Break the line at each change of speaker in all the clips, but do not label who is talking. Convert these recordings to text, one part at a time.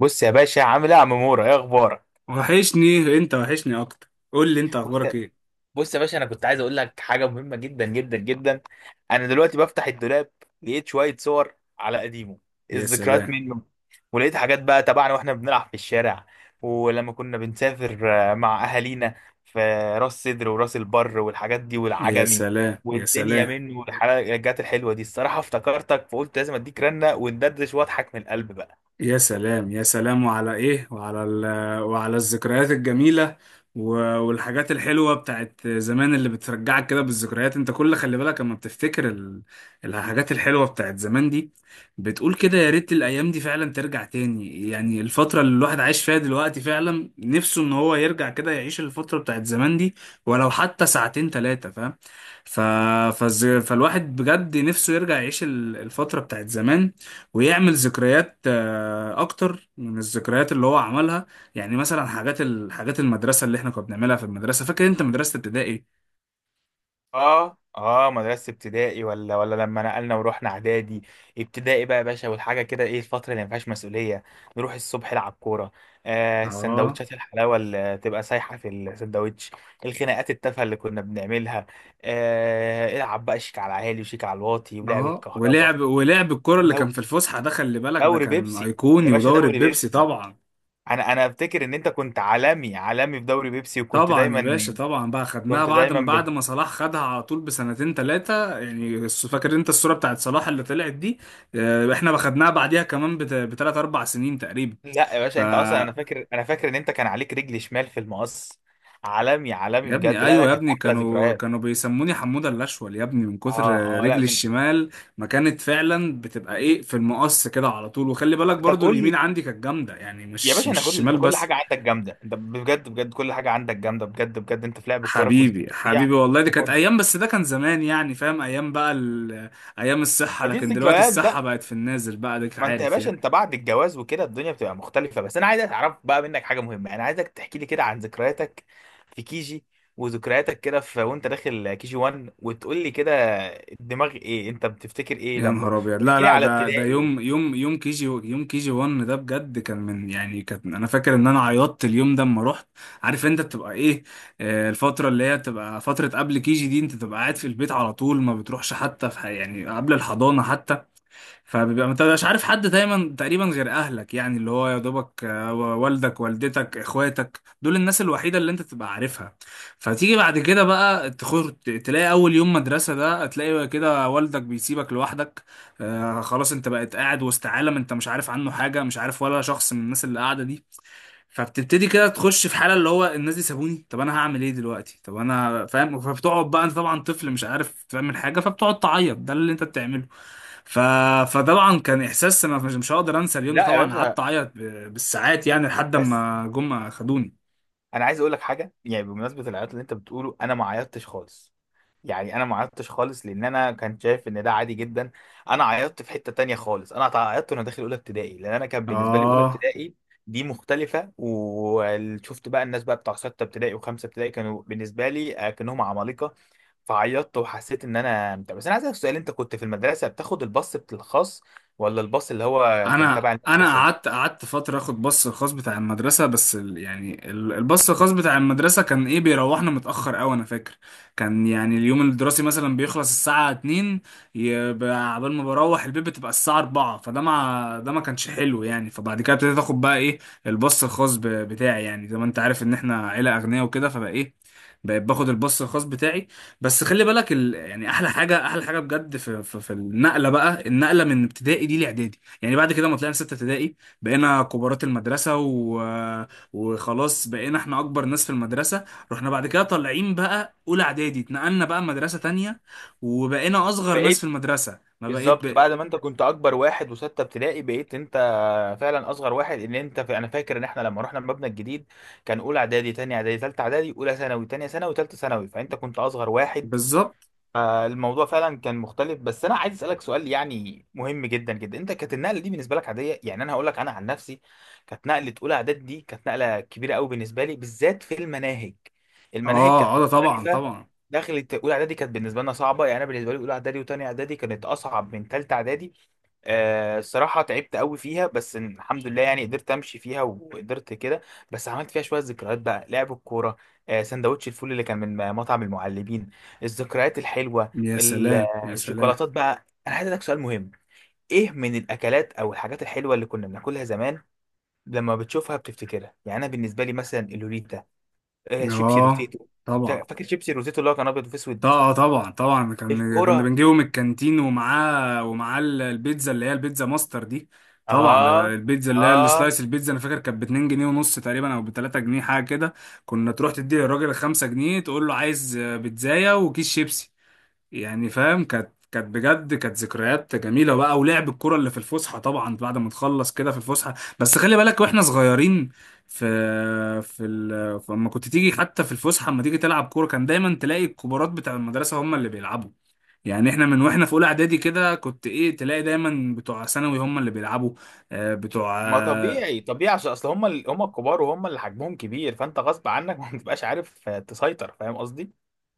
بص يا باشا، عامل ايه يا عم مورا؟ ايه اخبارك؟
وحشني انت وحشني اكتر، قول لي انت
بص
اخبارك
يا
ايه؟
بص يا باشا، انا كنت عايز اقول لك حاجه مهمه جدا جدا جدا. انا دلوقتي بفتح الدولاب، لقيت شويه صور على قديمه،
يا
الذكريات
سلام،
منه. ولقيت حاجات بقى تبعنا واحنا بنلعب في الشارع، ولما كنا بنسافر مع اهالينا في راس سدر وراس البر والحاجات دي
يا
والعجمي،
سلام، يا
والدنيا
سلام،
منه والحاجات الحلوه دي. الصراحه افتكرتك فقلت لازم اديك رنه وندردش واضحك من القلب بقى.
يا سلام، يا سلام. وعلى ايه؟ وعلى الذكريات الجميلة، والحاجات الحلوة بتاعت زمان اللي بترجعك كده بالذكريات. انت كل... خلي بالك اما بتفتكر الحاجات الحلوة بتاعت زمان دي، بتقول كده: يا ريت الايام دي فعلا ترجع تاني. يعني الفترة اللي الواحد عايش فيها دلوقتي، فعلا نفسه ان هو يرجع كده يعيش الفترة بتاعت زمان دي، ولو حتى ساعتين تلاتة، فاهم؟ ف... فالواحد بجد نفسه يرجع يعيش الفترة بتاعت زمان، ويعمل ذكريات، اكتر من الذكريات اللي هو عملها. يعني مثلا حاجات المدرسه اللي احنا كنا بنعملها في المدرسه، فاكر انت؟ مدرسه ابتدائي.
اه اه، مدرسة ابتدائي، ولا لما نقلنا ورحنا اعدادي. ابتدائي بقى يا باشا، والحاجة كده، ايه الفترة اللي ما فيهاش مسؤولية؟ نروح الصبح نلعب كورة. آه،
اه،
السندوتشات الحلاوة اللي تبقى سايحة في السندوتش، الخناقات التافهة اللي كنا بنعملها. آه، العب بقى شيك على عالي وشيك على الواطي ولعبة
اه.
كهربا.
ولعب الكرة اللي
ودوري
كان في الفسحه ده، خلي بالك ده
دوري
كان
بيبسي، يا
ايقوني،
باشا
ودوري
دوري
البيبسي
بيبسي.
طبعا.
انا افتكر ان انت كنت عالمي عالمي في دوري بيبسي، وكنت
طبعا يا باشا،
دايما
طبعا. بقى خدناها
كنت
بعد ما بعد
دايما
ما صلاح خدها على طول بسنتين ثلاثه، يعني فاكر انت الصوره بتاعت صلاح اللي طلعت دي؟ احنا خدناها بعديها كمان بثلاث اربع سنين تقريبا.
لا يا
ف
باشا، انت اصلا، انا فاكر ان انت كان عليك رجل شمال في المقص. عالمي عالمي
يا ابني،
بجد، لا لا،
ايوه يا
كانت
ابني،
احلى
كانوا
ذكريات.
كانوا بيسموني حموده الاشول يا ابني، من كتر
اه اه، لا
رجلي
من.
الشمال. ما كانت فعلا بتبقى ايه، في المقص كده على طول. وخلي بالك
طب
برضو
قول
اليمين
لي
عندي كانت جامده، يعني
يا
مش
باشا،
مش
انا كل، انت
الشمال
كل
بس.
حاجه عندك جامده، انت بجد بجد كل حاجه عندك جامده، بجد بجد انت في لعب الكوره كنت
حبيبي،
فظيع.
حبيبي والله دي كانت
وكنت،
ايام، بس ده كان زمان، يعني فاهم؟ ايام بقى ايام الصحه،
ما دي
لكن دلوقتي
الذكريات
الصحه
بقى.
بقت في النازل بقى، ديك
ما انت يا
عارف
باشا
يعني.
انت بعد الجواز وكده الدنيا بتبقى مختلفة. بس انا عايز اعرف بقى منك حاجة مهمة، انا عايزك تحكي لي كده عن ذكرياتك في كيجي، وذكرياتك كده في وانت داخل كيجي 1، وتقول لي كده الدماغ ايه انت بتفتكر ايه
يا
لما.
نهار ابيض! لا
واحكي لي
لا،
على
ده
ابتدائي.
يوم يوم يوم كي جي يوم كي جي 1، ده بجد كان من يعني... كان انا فاكر ان انا عيطت اليوم ده اما رحت. عارف انت بتبقى ايه؟ الفتره اللي هي بتبقى فتره قبل كي جي دي، انت تبقى قاعد في البيت على طول ما بتروحش، حتى في يعني قبل الحضانه حتى. فبيبقى انت مش عارف حد دايما تقريبا غير اهلك، يعني اللي هو يا دوبك، والدك والدتك اخواتك، دول الناس الوحيده اللي انت تبقى عارفها. فتيجي بعد كده بقى تلاقي اول يوم مدرسه ده، تلاقي كده والدك بيسيبك لوحدك. آه، خلاص انت بقيت قاعد وسط عالم انت مش عارف عنه حاجه، مش عارف ولا شخص من الناس اللي قاعده دي. فبتبتدي كده تخش في حاله اللي هو: الناس دي سابوني، طب انا هعمل ايه دلوقتي، طب انا فاهم. فبتقعد بقى انت، طبعا طفل مش عارف تعمل حاجه، فبتقعد تعيط، ده اللي انت بتعمله. ف... فطبعا كان احساس ما مش هقدر انسى اليوم ده.
لا يا
طبعا قعدت
باشا،
اعيط بالساعات، يعني لحد
بس
ما جم خدوني.
انا عايز اقول لك حاجة يعني بمناسبة العياط اللي انت بتقوله، انا ما عيطتش خالص. يعني انا ما عيطتش خالص لان انا كان شايف ان ده عادي جدا. انا عيطت في حتة تانية خالص، انا عيطت وانا داخل اولى ابتدائي، لان انا كان بالنسبة لي اولى
اه.
ابتدائي دي مختلفة. وشفت بقى الناس بقى بتاع ستة ابتدائي وخمسة ابتدائي، كانوا بالنسبة لي كأنهم عمالقة. فعيطت وحسيت ان انا بتاع. بس انا عايز اسالك سؤال، انت كنت في المدرسة بتاخد الباص، الخاص ولا الباص اللي هو كان
انا
تبع
انا
المدرسة؟
قعدت فتره اخد باص الخاص بتاع المدرسه، بس الباص الخاص بتاع المدرسه كان ايه، بيروحنا متاخر قوي. انا فاكر كان يعني اليوم الدراسي مثلا بيخلص الساعه 2، يبقى عبال ما بروح البيت بتبقى الساعه 4، فده مع ده ما كانش حلو يعني. فبعد كده ابتديت اخد بقى ايه، الباص الخاص بتاعي، يعني زي ما انت عارف ان احنا عيله اغنياء وكده، فبقى ايه، بقيت باخد الباص الخاص بتاعي. بس خلي بالك يعني احلى حاجه، احلى حاجه بجد في النقله بقى، النقله من ابتدائي دي لاعدادي. يعني بعد كده ما طلعنا ستة ابتدائي، بقينا كبارات المدرسة، وخلاص بقينا احنا أكبر ناس في المدرسة. رحنا بعد كده طالعين بقى أولى إعدادي، اتنقلنا بقى مدرسة تانية، وبقينا أصغر ناس في
بقيت،
المدرسة، ما بقيت
بالظبط بعد ما انت كنت اكبر واحد وستة ابتدائي، بقيت انت فعلا اصغر واحد، ان انت في، انا فاكر ان احنا لما رحنا المبنى الجديد، كان اولى اعدادي تانية اعدادي تالتة اعدادي اولى ثانوي تانية ثانوي تالتة ثانوي، فانت كنت اصغر واحد.
بالظبط.
فالموضوع فعلا كان مختلف. بس انا عايز اسالك سؤال يعني مهم جدا جدا، انت كانت النقله دي بالنسبه لك عاديه؟ يعني انا هقول لك انا عن نفسي، كانت نقله اولى اعدادي دي كانت نقله كبيره قوي بالنسبه لي، بالذات في المناهج، المناهج كانت
اه، اه، ده طبعا،
مختلفه.
طبعا.
دخلت اولى اعدادي كانت بالنسبه لنا صعبه. يعني انا بالنسبه لي اولى اعدادي وتانية اعدادي كانت اصعب من تالتة اعدادي. آه، الصراحه تعبت قوي فيها، بس الحمد لله يعني قدرت امشي فيها وقدرت كده. بس عملت فيها شويه ذكريات بقى، لعب الكوره، آه سندوتش الفول اللي كان من مطعم المعلمين، الذكريات الحلوه
يا سلام، يا سلام.
الشوكولاتات بقى. انا عايز اسالك سؤال مهم، ايه من الاكلات او الحاجات الحلوه اللي كنا بناكلها زمان لما بتشوفها بتفتكرها؟ يعني انا بالنسبه لي مثلا اللوريتا، آه شيبسي
اه،
روتيتو.
طبعا،
فاكر شيبسي روتيتو اللي هو كان ابيض واسود؟
طبعا، طبعا، طبعا. كان كنا
الكرة.
بنجيبه من الكانتين، ومعاه البيتزا، اللي هي البيتزا ماستر دي. طبعا، ده
اه
البيتزا اللي هي
اه.
السلايس. البيتزا انا فاكر كانت ب 2 جنيه ونص تقريبا، او ب 3 جنيه حاجه كده. كنا تروح تدي للراجل 5 جنيه، تقول له عايز بيتزايه وكيس شيبسي، يعني فاهم. كانت، كانت بجد كانت ذكريات جميله بقى. ولعب الكره اللي في الفسحه، طبعا بعد ما نخلص كده في الفسحه. بس خلي بالك واحنا صغيرين، في لما كنت تيجي حتى في الفسحه، لما تيجي تلعب كوره، كان دايما تلاقي الكبارات بتاع المدرسه هم اللي بيلعبوا. يعني احنا من واحنا في اولى اعدادي كده، كنت ايه، تلاقي دايما بتوع ثانوي هم اللي بيلعبوا. بتوع...
ما طبيعي طبيعي، عشان اصل هم هم الكبار وهم اللي حجمهم كبير، فانت غصب عنك ما بتبقاش عارف تسيطر، فاهم قصدي.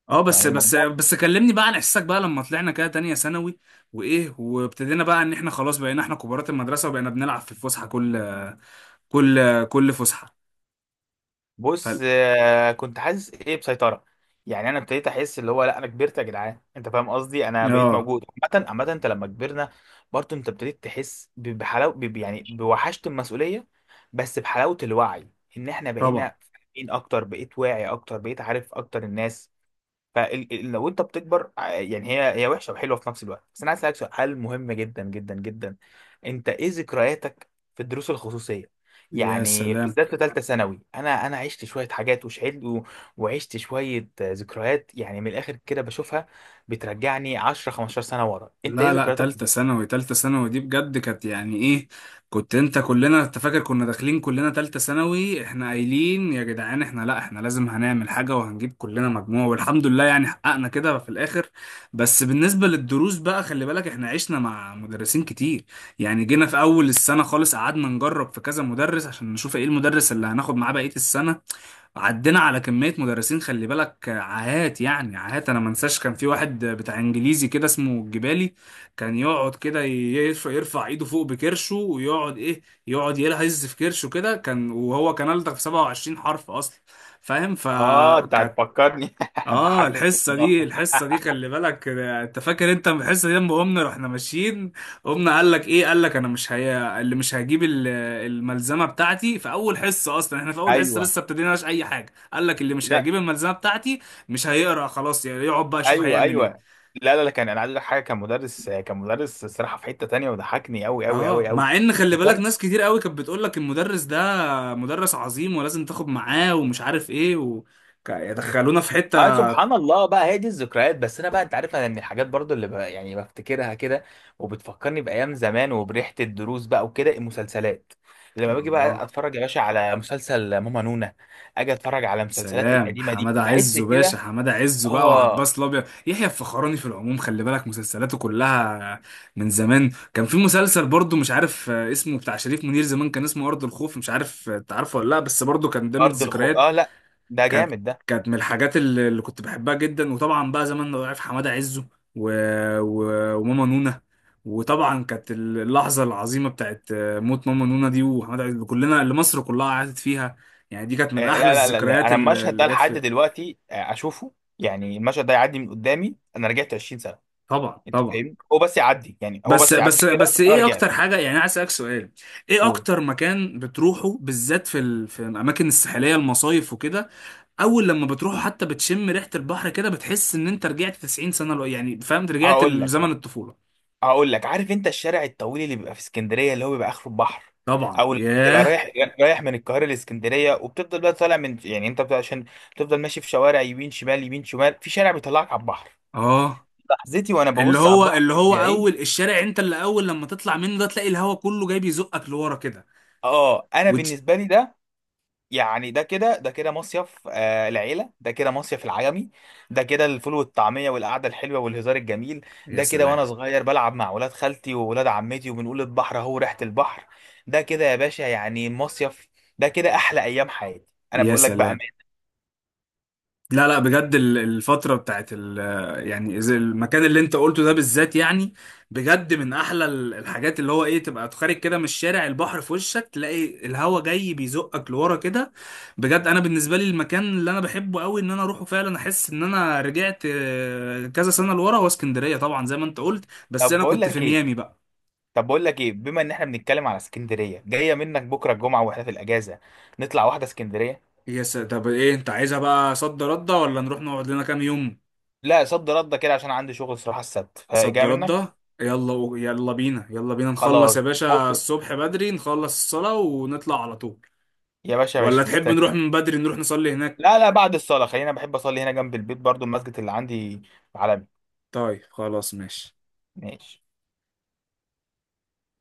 اه. بس،
يعني
بس،
الموضوع،
بس كلمني بقى عن احساسك، بقى لما طلعنا كده تانية ثانوي وايه، وابتدينا بقى ان احنا خلاص بقينا احنا كبارات المدرسة، وبقينا بنلعب في الفسحة، كل فسحة. ف
بص، كنت حاسس ايه بسيطرة. يعني انا ابتديت احس اللي هو لا، انا كبرت يا جدعان، انت فاهم قصدي؟ انا بقيت
اه،
موجود. عامة عامة، انت لما كبرنا برضه انت ابتديت تحس بحلاوة، يعني بوحشة المسؤولية، بس بحلاوة الوعي، ان احنا
طبعا.
بقينا فاهمين اكتر، بقيت واعي اكتر، بقيت عارف اكتر الناس. فلو انت بتكبر، يعني هي وحشه وحلوه في نفس الوقت. بس انا عايز اسالك سؤال مهم جدا جدا جدا، انت ايه ذكرياتك في الدروس الخصوصيه؟
يا
يعني
سلام.
بالذات في ثالثه ثانوي، انا عشت شويه حاجات وشهدت وعشت شويه، آه، ذكريات، يعني من الاخر كده بشوفها بترجعني 10 15 سنه ورا. انت ايه
لا لا،
ذكرياتك؟
تالتة ثانوي دي بجد كانت يعني ايه. كنت انت... كلنا انت فاكر كنا داخلين كلنا تالتة ثانوي، احنا قايلين يا جدعان، احنا لا، احنا لازم هنعمل حاجة وهنجيب كلنا مجموع، والحمد لله يعني حققنا كده في الاخر. بس بالنسبة للدروس بقى، خلي بالك احنا عشنا مع مدرسين كتير. يعني جينا في اول السنة خالص قعدنا نجرب في كذا مدرس عشان نشوف ايه المدرس اللي هناخد معاه بقية السنة. عدينا على كمية مدرسين، خلي بالك عاهات، يعني عاهات. انا ما انساش كان في واحد بتاع انجليزي كده اسمه الجبالي، كان يقعد كده يرفع ايده فوق بكرشه، ويقعد ايه، يقعد يلهز في كرشه كده كان، وهو كان ألدغ في 27 حرف اصلا، فاهم؟
اه، انت
فكانت
هتفكرني
اه
ضحكتني.
الحصه دي،
والله
الحصه دي خلي بالك، انت فاكر انت الحصه دي لما قمنا رحنا ماشيين؟ قمنا قال لك ايه، قال لك انا مش هي اللي مش هجيب الملزمه بتاعتي في اول حصه، اصلا احنا في اول حصه
ايوه،
لسه ابتديناش اي حاجه، قال لك اللي مش
لا،
هيجيب الملزمه بتاعتي مش هيقرا، خلاص يعني، يقعد بقى يشوف
ايوه
هيعمل
ايوه.
ايه.
لا لا لا، كان، انا عايز اقول لك حاجه، كان مدرس، كان مدرس الصراحه في حته تانية وضحكني قوي قوي
اه،
قوي قوي.
مع ان خلي
بس
بالك
انا.
ناس كتير قوي كانت بتقول لك المدرس ده مدرس عظيم ولازم تاخد معاه، ومش عارف ايه يدخلونا في حتة.
ما سبحان الله بقى هي دي الذكريات. بس انا بقى انت عارف انا من الحاجات برضو يعني بفتكرها كده وبتفكرني بايام زمان وبريحه الدروس بقى وكده، المسلسلات، لما باجي بقى
اه،
اتفرج يا باشا على مسلسل ماما نونا، اجي اتفرج على المسلسلات
سلام
القديمه دي
حمادة
بحس
عزه باشا،
كده.
حمادة عزه بقى،
اه.
وعباس الابيض، يحيى الفخراني في العموم، خلي بالك مسلسلاته كلها من زمان. كان في مسلسل برضو مش عارف اسمه، بتاع شريف منير زمان، كان اسمه ارض الخوف. مش عارف انت عارفه ولا لا، بس برضو كان ده من
ارض الخو،
الذكريات.
اه لا، ده
كانت،
جامد ده.
كانت من الحاجات اللي كنت بحبها جدا، وطبعا بقى زمان لو عارف حماده عزه و... وماما نونا، وطبعا كانت اللحظه العظيمه بتاعت موت ماما نونا دي وحماده عزه، اللي كلنا، اللي مصر كلها قعدت فيها، يعني دي كانت من
آه،
احلى
لا،
الذكريات
انا
اللي
المشهد ده
جت
لحد
في...
دلوقتي آه، اشوفه. يعني المشهد ده يعدي من قدامي، انا رجعت 20 سنه.
طبعا،
انت
طبعا.
فاهمني؟ هو بس يعدي، يعني هو
بس،
بس يعدي
بس،
كده.
بس
انا
ايه
رجعت.
اكتر حاجه، يعني أنا عايز اسالك سؤال: ايه
قول.
اكتر مكان بتروحه، بالذات في الاماكن الساحليه، المصايف وكده، اول لما بتروحوا حتى بتشم ريحه البحر كده، بتحس ان انت رجعت 90 سنه، لو يعني فهمت، رجعت
هقول لك
لزمن
بقى،
الطفوله.
هقول لك، عارف انت الشارع الطويل اللي بيبقى في اسكندريه اللي هو بيبقى اخره البحر،
طبعا،
او لما بتبقى
ياه.
رايح، رايح من القاهره لاسكندريه، وبتفضل بقى طالع من، يعني انت بتبقى عشان بتفضل ماشي في شوارع يمين شمال يمين شمال، في شارع بيطلعك على البحر؟
اه،
لحظتي وانا
اللي
ببص على
هو
البحر
اللي هو
من بعيد.
اول الشارع انت اللي اول لما تطلع منه ده، تلاقي الهوا كله جاي بيزقك لورا كده.
اه، انا
وتش...
بالنسبه لي ده، يعني ده كده، ده كده مصيف، آه العيلة، ده كده مصيف العجمي، ده كده الفول والطعمية والقعدة الحلوة والهزار الجميل.
يا
ده كده وأنا
سلام،
صغير بلعب مع ولاد خالتي وولاد عمتي، وبنقول البحر أهو، ريحة البحر. ده كده يا باشا يعني مصيف، ده كده أحلى أيام حياتي. أنا
يا
بقول لك بقى.
سلام. لا لا، بجد الفترة بتاعت ال... يعني زي المكان اللي انت قلته ده بالذات، يعني بجد من احلى الحاجات، اللي هو ايه، تبقى خارج كده من الشارع، البحر في وشك، تلاقي الهوا جاي بيزقك لورا كده. بجد انا بالنسبة لي المكان اللي انا بحبه قوي ان انا اروحه، فعلا احس ان انا رجعت كذا سنة لورا، هو اسكندرية طبعا زي ما انت قلت. بس
طب
انا
بقول
كنت في
لك إيه،
ميامي بقى.
طب بقول لك إيه، بما إن إحنا بنتكلم على اسكندرية، جاية منك بكرة الجمعة وإحنا في الأجازة، نطلع واحدة اسكندرية.
طب ايه انت عايزها بقى، صد رد ولا نروح نقعد لنا كام يوم؟
لا، صد رد كده، عشان عندي شغل صراحة السبت،
صد
فجاية منك.
رده. يلا يلا بينا، يلا بينا نخلص
خلاص،
يا باشا،
بكرة
الصبح بدري نخلص الصلاة ونطلع على طول،
يا باشا،
ولا
ماشي،
تحب نروح
مستني.
من بدري نروح نصلي هناك؟
لا لا، بعد الصلاة، خلينا، بحب أصلي هنا جنب البيت برضو المسجد اللي عندي. عالمي.
طيب خلاص، ماشي.
ماشي.